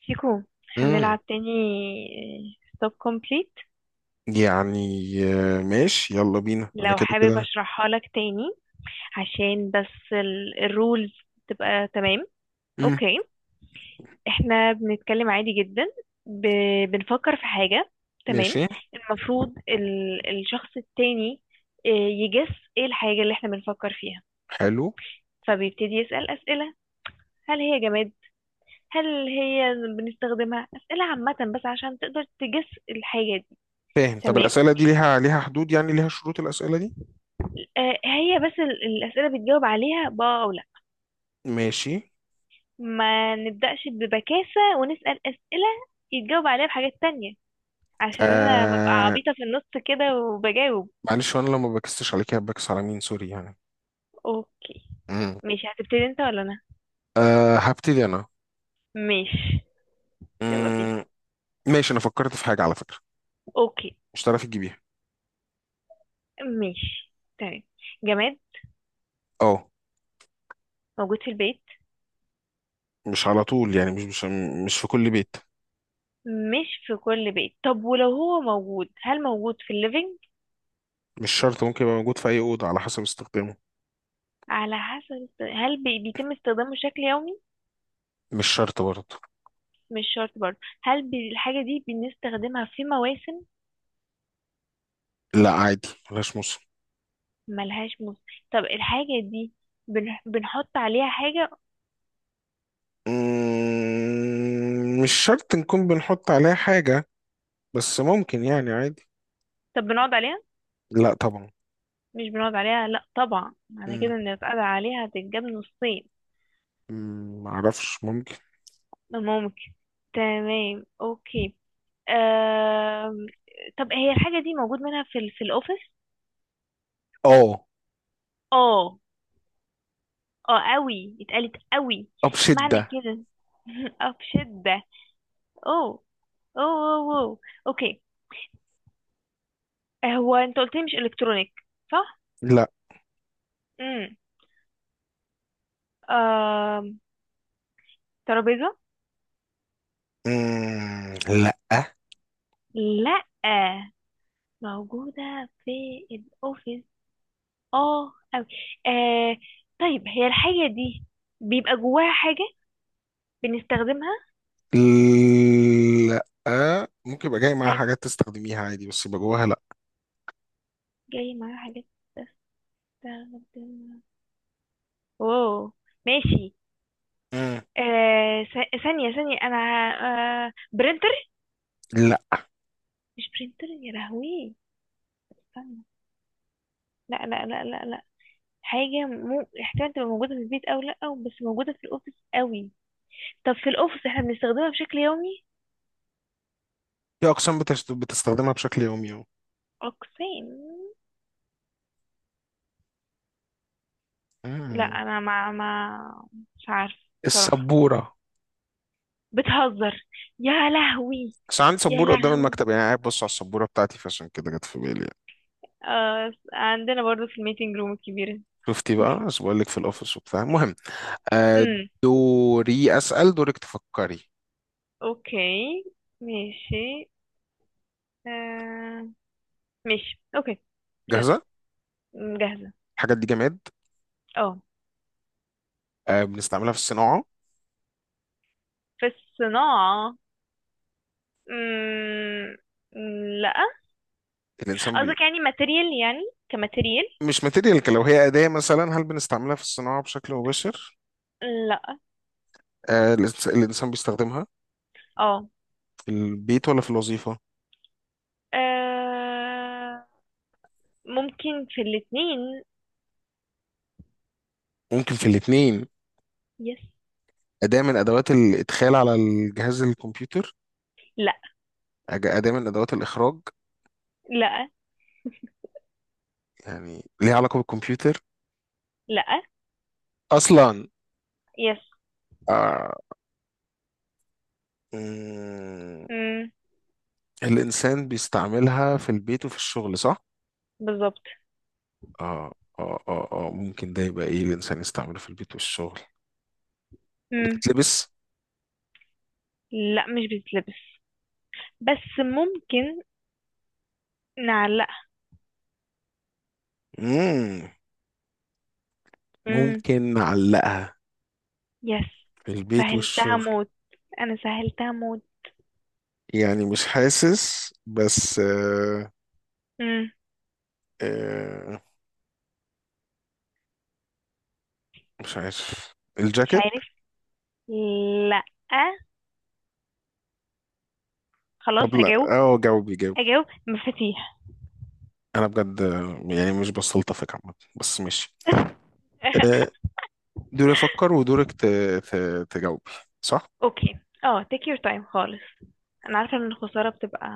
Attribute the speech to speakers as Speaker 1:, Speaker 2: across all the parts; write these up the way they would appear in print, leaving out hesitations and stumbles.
Speaker 1: شيكو،
Speaker 2: امم
Speaker 1: هنلعب تاني. ستوب كومبليت.
Speaker 2: يعني آه، ماشي يلا بينا انا
Speaker 1: لو
Speaker 2: كده
Speaker 1: حابب
Speaker 2: كده.
Speaker 1: اشرحها لك تاني عشان بس الرولز تبقى تمام.
Speaker 2: امم
Speaker 1: اوكي، احنا بنتكلم عادي جدا. ب... بنفكر في حاجة، تمام.
Speaker 2: ماشي.
Speaker 1: المفروض الشخص التاني يجس ايه الحاجة اللي احنا بنفكر فيها،
Speaker 2: حلو.
Speaker 1: فبيبتدي يسأل أسئلة. هل هي جماد؟ هل هي بنستخدمها؟ أسئلة عامة بس عشان تقدر تجس الحاجة دي.
Speaker 2: فاهم، طب
Speaker 1: تمام،
Speaker 2: الأسئلة دي ليها حدود يعني؟ ليها شروط الأسئلة دي؟
Speaker 1: هي بس الأسئلة بتجاوب عليها بأه أو لأ.
Speaker 2: ماشي.
Speaker 1: ما نبدأش ببكاسة ونسأل أسئلة يتجاوب عليها بحاجات تانية، عشان أنا ببقى
Speaker 2: آه
Speaker 1: عبيطة في النص كده وبجاوب.
Speaker 2: معلش، وانا لو ما بكسش عليك بكس على مين؟ سوري يعني.
Speaker 1: أوكي،
Speaker 2: امم
Speaker 1: ماشي. هتبتدي أنت ولا أنا؟
Speaker 2: هبتدي انا.
Speaker 1: ماشي، يلا بينا.
Speaker 2: امم ماشي. انا فكرت في حاجة على فكرة،
Speaker 1: أوكي،
Speaker 2: مش هتعرفي تجيبيها.
Speaker 1: ماشي، تمام. جماد
Speaker 2: اه،
Speaker 1: موجود في البيت؟
Speaker 2: مش على طول يعني، مش في كل بيت.
Speaker 1: مش في كل بيت، طب ولو هو موجود هل موجود في الليفينج؟
Speaker 2: مش شرط، ممكن يبقى موجود في اي أوضة على حسب استخدامه.
Speaker 1: بيتم استخدامه بشكل يومي؟
Speaker 2: مش شرط برضه.
Speaker 1: مش شرط برضه، هل الحاجة دي بنستخدمها في مواسم؟
Speaker 2: لا عادي، ملهاش موسم.
Speaker 1: ملهاش موسم. طب الحاجة دي بنحط عليها حاجة؟
Speaker 2: مش شرط نكون بنحط عليها حاجة، بس ممكن يعني عادي.
Speaker 1: طب بنقعد عليها؟
Speaker 2: لا طبعا.
Speaker 1: مش بنقعد عليها، لا طبعا، معنى
Speaker 2: مم،
Speaker 1: كده ان اتقعد عليها هتتجاب نصين.
Speaker 2: معرفش ممكن.
Speaker 1: ممكن، تمام، اوكي. آم... طب هي الحاجة دي موجود منها في في الأوفيس؟
Speaker 2: اه،
Speaker 1: اه. اه قوي، اتقالت قوي،
Speaker 2: آه،
Speaker 1: معنى
Speaker 2: بشدة.
Speaker 1: كده اه بشدة. اوه، أوه. اوكي. هو انت قلت لي مش الكترونيك، صح؟
Speaker 2: لا.
Speaker 1: امم آه... ترابيزة؟
Speaker 2: مم، لا.
Speaker 1: لا، موجودة في الأوفيس اه أوي. آه طيب هي الحاجة دي بيبقى جواها حاجة بنستخدمها؟
Speaker 2: لا، ممكن يبقى جاي معاها
Speaker 1: حاجة
Speaker 2: حاجات تستخدميها عادي، بس يبقى جواها لا.
Speaker 1: جاي معاها حاجة بستخدمها، واو ماشي.
Speaker 2: مم،
Speaker 1: ثانية ثانية، أنا. برينتر؟
Speaker 2: لا.
Speaker 1: مش برينتر، يا لهوي. استنى، لا لا لا لا لا. حاجة مو احتمال تبقى موجودة في البيت أو لأ، أو بس موجودة في الأوفيس أوي. طب في الأوفيس احنا بنستخدمها بشكل يومي؟
Speaker 2: في أقسام بتستخدمها بشكل يومي أهو.
Speaker 1: أقسام؟ لا،
Speaker 2: مم،
Speaker 1: أنا ما مش عارفة بصراحة.
Speaker 2: السبورة.
Speaker 1: بتهزر، يا لهوي،
Speaker 2: بس عندي
Speaker 1: يا
Speaker 2: سبورة قدام
Speaker 1: لهوي.
Speaker 2: المكتب يعني، قاعد بص على السبورة بتاعتي فعشان كده جت في بالي يعني.
Speaker 1: عندنا برضو في الميتنج روم الكبيرة.
Speaker 2: شفتي بقى؟ بس بقول لك في الأوفيس وبتاع، المهم. آه،
Speaker 1: امم
Speaker 2: دوري أسأل، دورك تفكري.
Speaker 1: اوكي، ماشي. آه ماشي، اوكي. جات
Speaker 2: جاهزة؟
Speaker 1: جاهزة.
Speaker 2: الحاجات دي جماد؟
Speaker 1: اه،
Speaker 2: بنستعملها في الصناعة؟
Speaker 1: في الصناعة؟ مم... لا.
Speaker 2: الإنسان بي...
Speaker 1: قصدك يعني ماتيريال؟ يعني كماتيريال؟
Speaker 2: مش ماتيريال، لو هي أداة مثلا هل بنستعملها في الصناعة بشكل مباشر؟
Speaker 1: لا.
Speaker 2: الإنسان بيستخدمها
Speaker 1: اه
Speaker 2: في البيت ولا في الوظيفة؟
Speaker 1: آه، ممكن في الاتنين.
Speaker 2: ممكن في الاتنين؟
Speaker 1: يس.
Speaker 2: أداة من أدوات الإدخال على الجهاز الكمبيوتر؟
Speaker 1: لا.
Speaker 2: أداة من أدوات الإخراج؟
Speaker 1: لا.
Speaker 2: يعني ليها علاقة بالكمبيوتر
Speaker 1: لا.
Speaker 2: أصلا؟
Speaker 1: يس.
Speaker 2: آه، مم،
Speaker 1: مم.
Speaker 2: الإنسان بيستعملها في البيت وفي الشغل صح؟
Speaker 1: بالظبط.
Speaker 2: اه اه اه اه، ممكن ده يبقى ايه الانسان يستعمله في البيت والشغل؟
Speaker 1: مم.
Speaker 2: بتتلبس؟
Speaker 1: لا مش بتتلبس، بس ممكن نعلقها.
Speaker 2: مم.
Speaker 1: مم.
Speaker 2: ممكن نعلقها
Speaker 1: يس.
Speaker 2: في البيت
Speaker 1: سهلتها
Speaker 2: والشغل
Speaker 1: موت، انا سهلتها موت.
Speaker 2: يعني؟ مش حاسس بس
Speaker 1: مم.
Speaker 2: آه مش عارف.
Speaker 1: مش
Speaker 2: الجاكيت؟
Speaker 1: عارف. لا، خلاص
Speaker 2: طب لا،
Speaker 1: اجاوب.
Speaker 2: اه جاوبي جاوبي.
Speaker 1: اجاوب مفاتيح.
Speaker 2: انا بجد يعني مش بستلطفك عامة، بس ماشي. آه دوري افكر ودورك ت... تجاوبي، صح؟
Speaker 1: اوكي، take your time خالص. انا عارفه ان الخساره بتبقى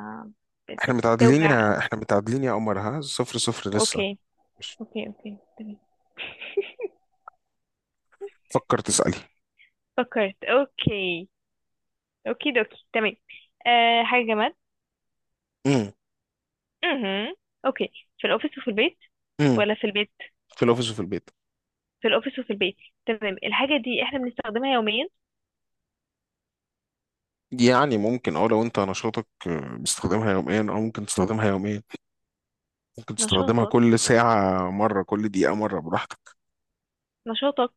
Speaker 1: بتوجع او
Speaker 2: احنا متعادلين يا قمر، ها، 0-0 لسه.
Speaker 1: اوكي.
Speaker 2: مش.
Speaker 1: اوكي، اوكي، تمام.
Speaker 2: فكر تسألي.
Speaker 1: فكرت. اوكي، اوكي دوكي، تمام. حاجة جماد. امم اوكي. في الأوفيس وفي البيت
Speaker 2: مم.
Speaker 1: ولا في البيت؟
Speaker 2: في الاوفيس وفي البيت.
Speaker 1: في الأوفيس وفي البيت، تمام. الحاجة دي احنا بنستخدمها يوميا؟
Speaker 2: يعني ممكن، اه لو انت نشاطك بتستخدمها يوميا او ممكن تستخدمها يوميا، ممكن تستخدمها
Speaker 1: نشاطك،
Speaker 2: كل ساعة مرة كل دقيقة مرة براحتك.
Speaker 1: نشاطك،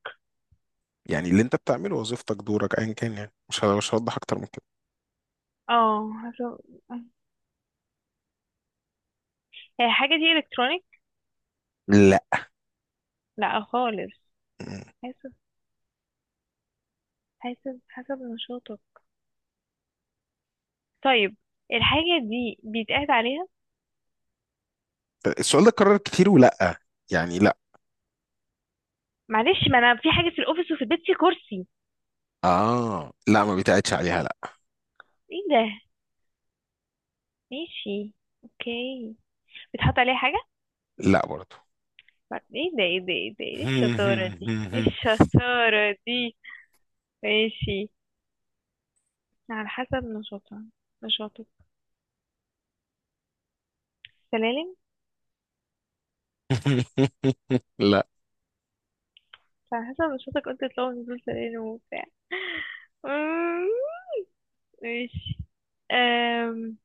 Speaker 2: يعني اللي انت بتعمله وظيفتك دورك ايا كان يعني، مش هوضح اكتر من كده.
Speaker 1: اه حسب. هي الحاجة دي الكترونيك؟
Speaker 2: لا.
Speaker 1: لا خالص.
Speaker 2: مم.
Speaker 1: حسب حسب نشاطك. طيب الحاجة دي بيتقعد عليها؟
Speaker 2: السؤال ده اتكرر كتير ولا؟ يعني لا.
Speaker 1: معلش، ما انا في حاجة في الأوفيس وفي البيت في كرسي.
Speaker 2: اه لا، ما بيتقعدش عليها لا.
Speaker 1: ايه ده؟ ماشي، اوكي. بيتحط عليها حاجة؟
Speaker 2: لا برضه.
Speaker 1: ايه ده، ايه ده، ايه ده، ايه الشطارة دي، ايه الشطارة دي؟ ماشي. على حسب نشاطها، نشاطك. سلالم؟
Speaker 2: لا.
Speaker 1: على حسب نشاطك، قلت تطلعوا نزول سلالم وبتاع. أمم، ماشي. أم...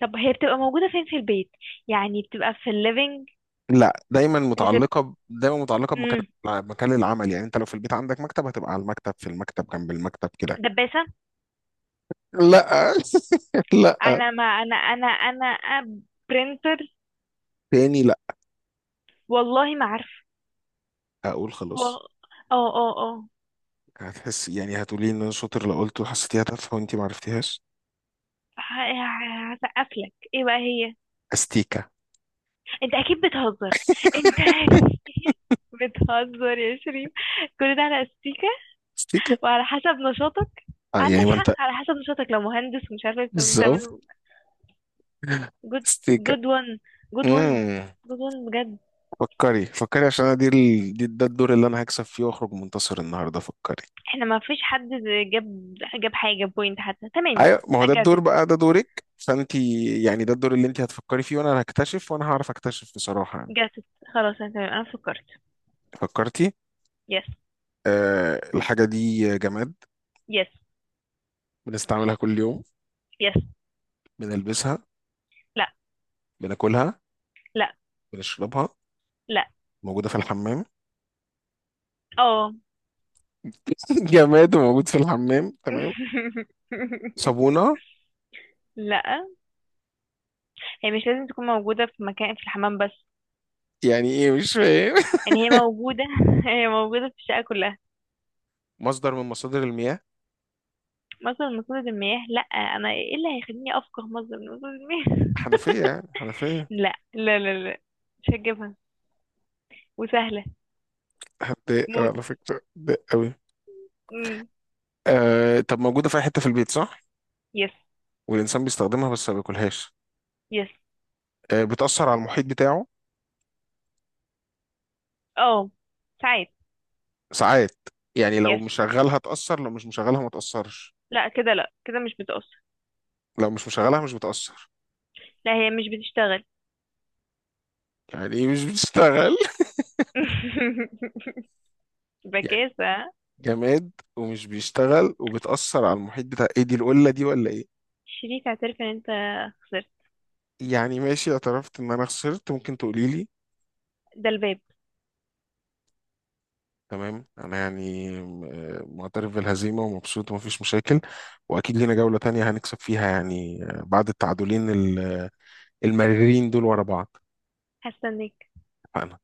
Speaker 1: طب هي بتبقى موجودة فين في البيت؟ يعني بتبقى في الليفينج؟
Speaker 2: لا،
Speaker 1: ريسبت؟
Speaker 2: دايما متعلقه بمكان،
Speaker 1: أمم،
Speaker 2: مكان العمل. يعني انت لو في البيت عندك مكتب هتبقى على المكتب، في المكتب، جنب المكتب كده.
Speaker 1: دباسة؟
Speaker 2: لا، لا.
Speaker 1: انا ما انا انا انا برينتر؟
Speaker 2: تاني، لا.
Speaker 1: والله ما عارفة.
Speaker 2: اقول
Speaker 1: و-
Speaker 2: خلاص؟
Speaker 1: اه اه اه
Speaker 2: هتحس يعني هتقولي ان انا شاطر لو قلت وحسيتيها تافهه وانت ما عرفتيهاش.
Speaker 1: هسقفلك. ايه بقى هي؟
Speaker 2: استيكه.
Speaker 1: انت اكيد بتهزر. انت اكيد بتهزر يا شريف، كل ده على استيكة؟
Speaker 2: استيكه.
Speaker 1: وعلى حسب نشاطك. عندك
Speaker 2: يعني ما
Speaker 1: حق،
Speaker 2: انت،
Speaker 1: على حسب نشاطك لو مهندس ومش عارف انت
Speaker 2: بالظبط.
Speaker 1: بتعمل. جود
Speaker 2: استيكه.
Speaker 1: جود وان، جود وان،
Speaker 2: امم
Speaker 1: جود وان بجد.
Speaker 2: فكري فكري، عشان انا دي ده الدور اللي انا هكسب فيه واخرج منتصر النهارده. فكري.
Speaker 1: احنا ما فيش حد جاب جاب حاجة بوينت حتى، تمام.
Speaker 2: ايوه، ما هو
Speaker 1: I
Speaker 2: ده
Speaker 1: got
Speaker 2: الدور
Speaker 1: it.
Speaker 2: بقى، ده دورك فانت يعني. ده الدور اللي انت هتفكري فيه، وانا هكتشف وانا هعرف اكتشف بصراحه يعني.
Speaker 1: got it. خلاص انا تمام، انا فكرت.
Speaker 2: فكرتي؟
Speaker 1: يس.
Speaker 2: الحاجه دي جماد.
Speaker 1: يس.
Speaker 2: بنستعملها كل يوم.
Speaker 1: يس.
Speaker 2: بنلبسها.
Speaker 1: لا.
Speaker 2: بناكلها.
Speaker 1: لا.
Speaker 2: بنشربها.
Speaker 1: لا.
Speaker 2: موجودة في الحمام؟
Speaker 1: اه.
Speaker 2: جماد موجود في الحمام، تمام. صابونة؟
Speaker 1: لا، هي مش لازم تكون موجودة في مكان في الحمام بس.
Speaker 2: يعني ايه مش فاهم.
Speaker 1: يعني هي موجودة هي موجودة في الشقة كلها.
Speaker 2: مصدر من مصادر المياه؟
Speaker 1: مصدر من مصادر المياه؟ لا، انا ايه اللي هيخليني افقه مصدر من مصادر المياه؟
Speaker 2: حنفية، يعني حنفية.
Speaker 1: لا، لا، لا، لا، مش هجيبها وسهلة
Speaker 2: هتضايق أوي
Speaker 1: موت.
Speaker 2: على فكرة، هتضايق أوي.
Speaker 1: مم.
Speaker 2: طب موجودة في أي حتة في البيت صح؟
Speaker 1: يس.
Speaker 2: والإنسان بيستخدمها بس ما بياكلهاش.
Speaker 1: يس.
Speaker 2: آه، بتأثر على المحيط بتاعه.
Speaker 1: اه ساعات.
Speaker 2: ساعات. يعني لو
Speaker 1: يس.
Speaker 2: مشغلها تأثر، لو مش مشغلها ما تأثرش.
Speaker 1: لا كده، لا كده مش بتأثر.
Speaker 2: لو مش مشغلها مش بتأثر.
Speaker 1: لا، هي مش بتشتغل.
Speaker 2: يعني ايه مش بتشتغل؟ يعني
Speaker 1: بكاسة.
Speaker 2: جماد ومش بيشتغل وبتأثر على المحيط بتاع، ايه دي؟ القلة دي ولا ايه؟
Speaker 1: شريك، اعترف ان انت خسرت.
Speaker 2: يعني ماشي، اعترفت ان انا خسرت، ممكن تقولي لي.
Speaker 1: ده الباب.
Speaker 2: تمام انا يعني معترف بالهزيمه ومبسوط ومفيش مشاكل. واكيد لينا جوله تانية هنكسب فيها يعني بعد التعادلين المريرين دول ورا بعض.
Speaker 1: هستناك.
Speaker 2: اتفقنا.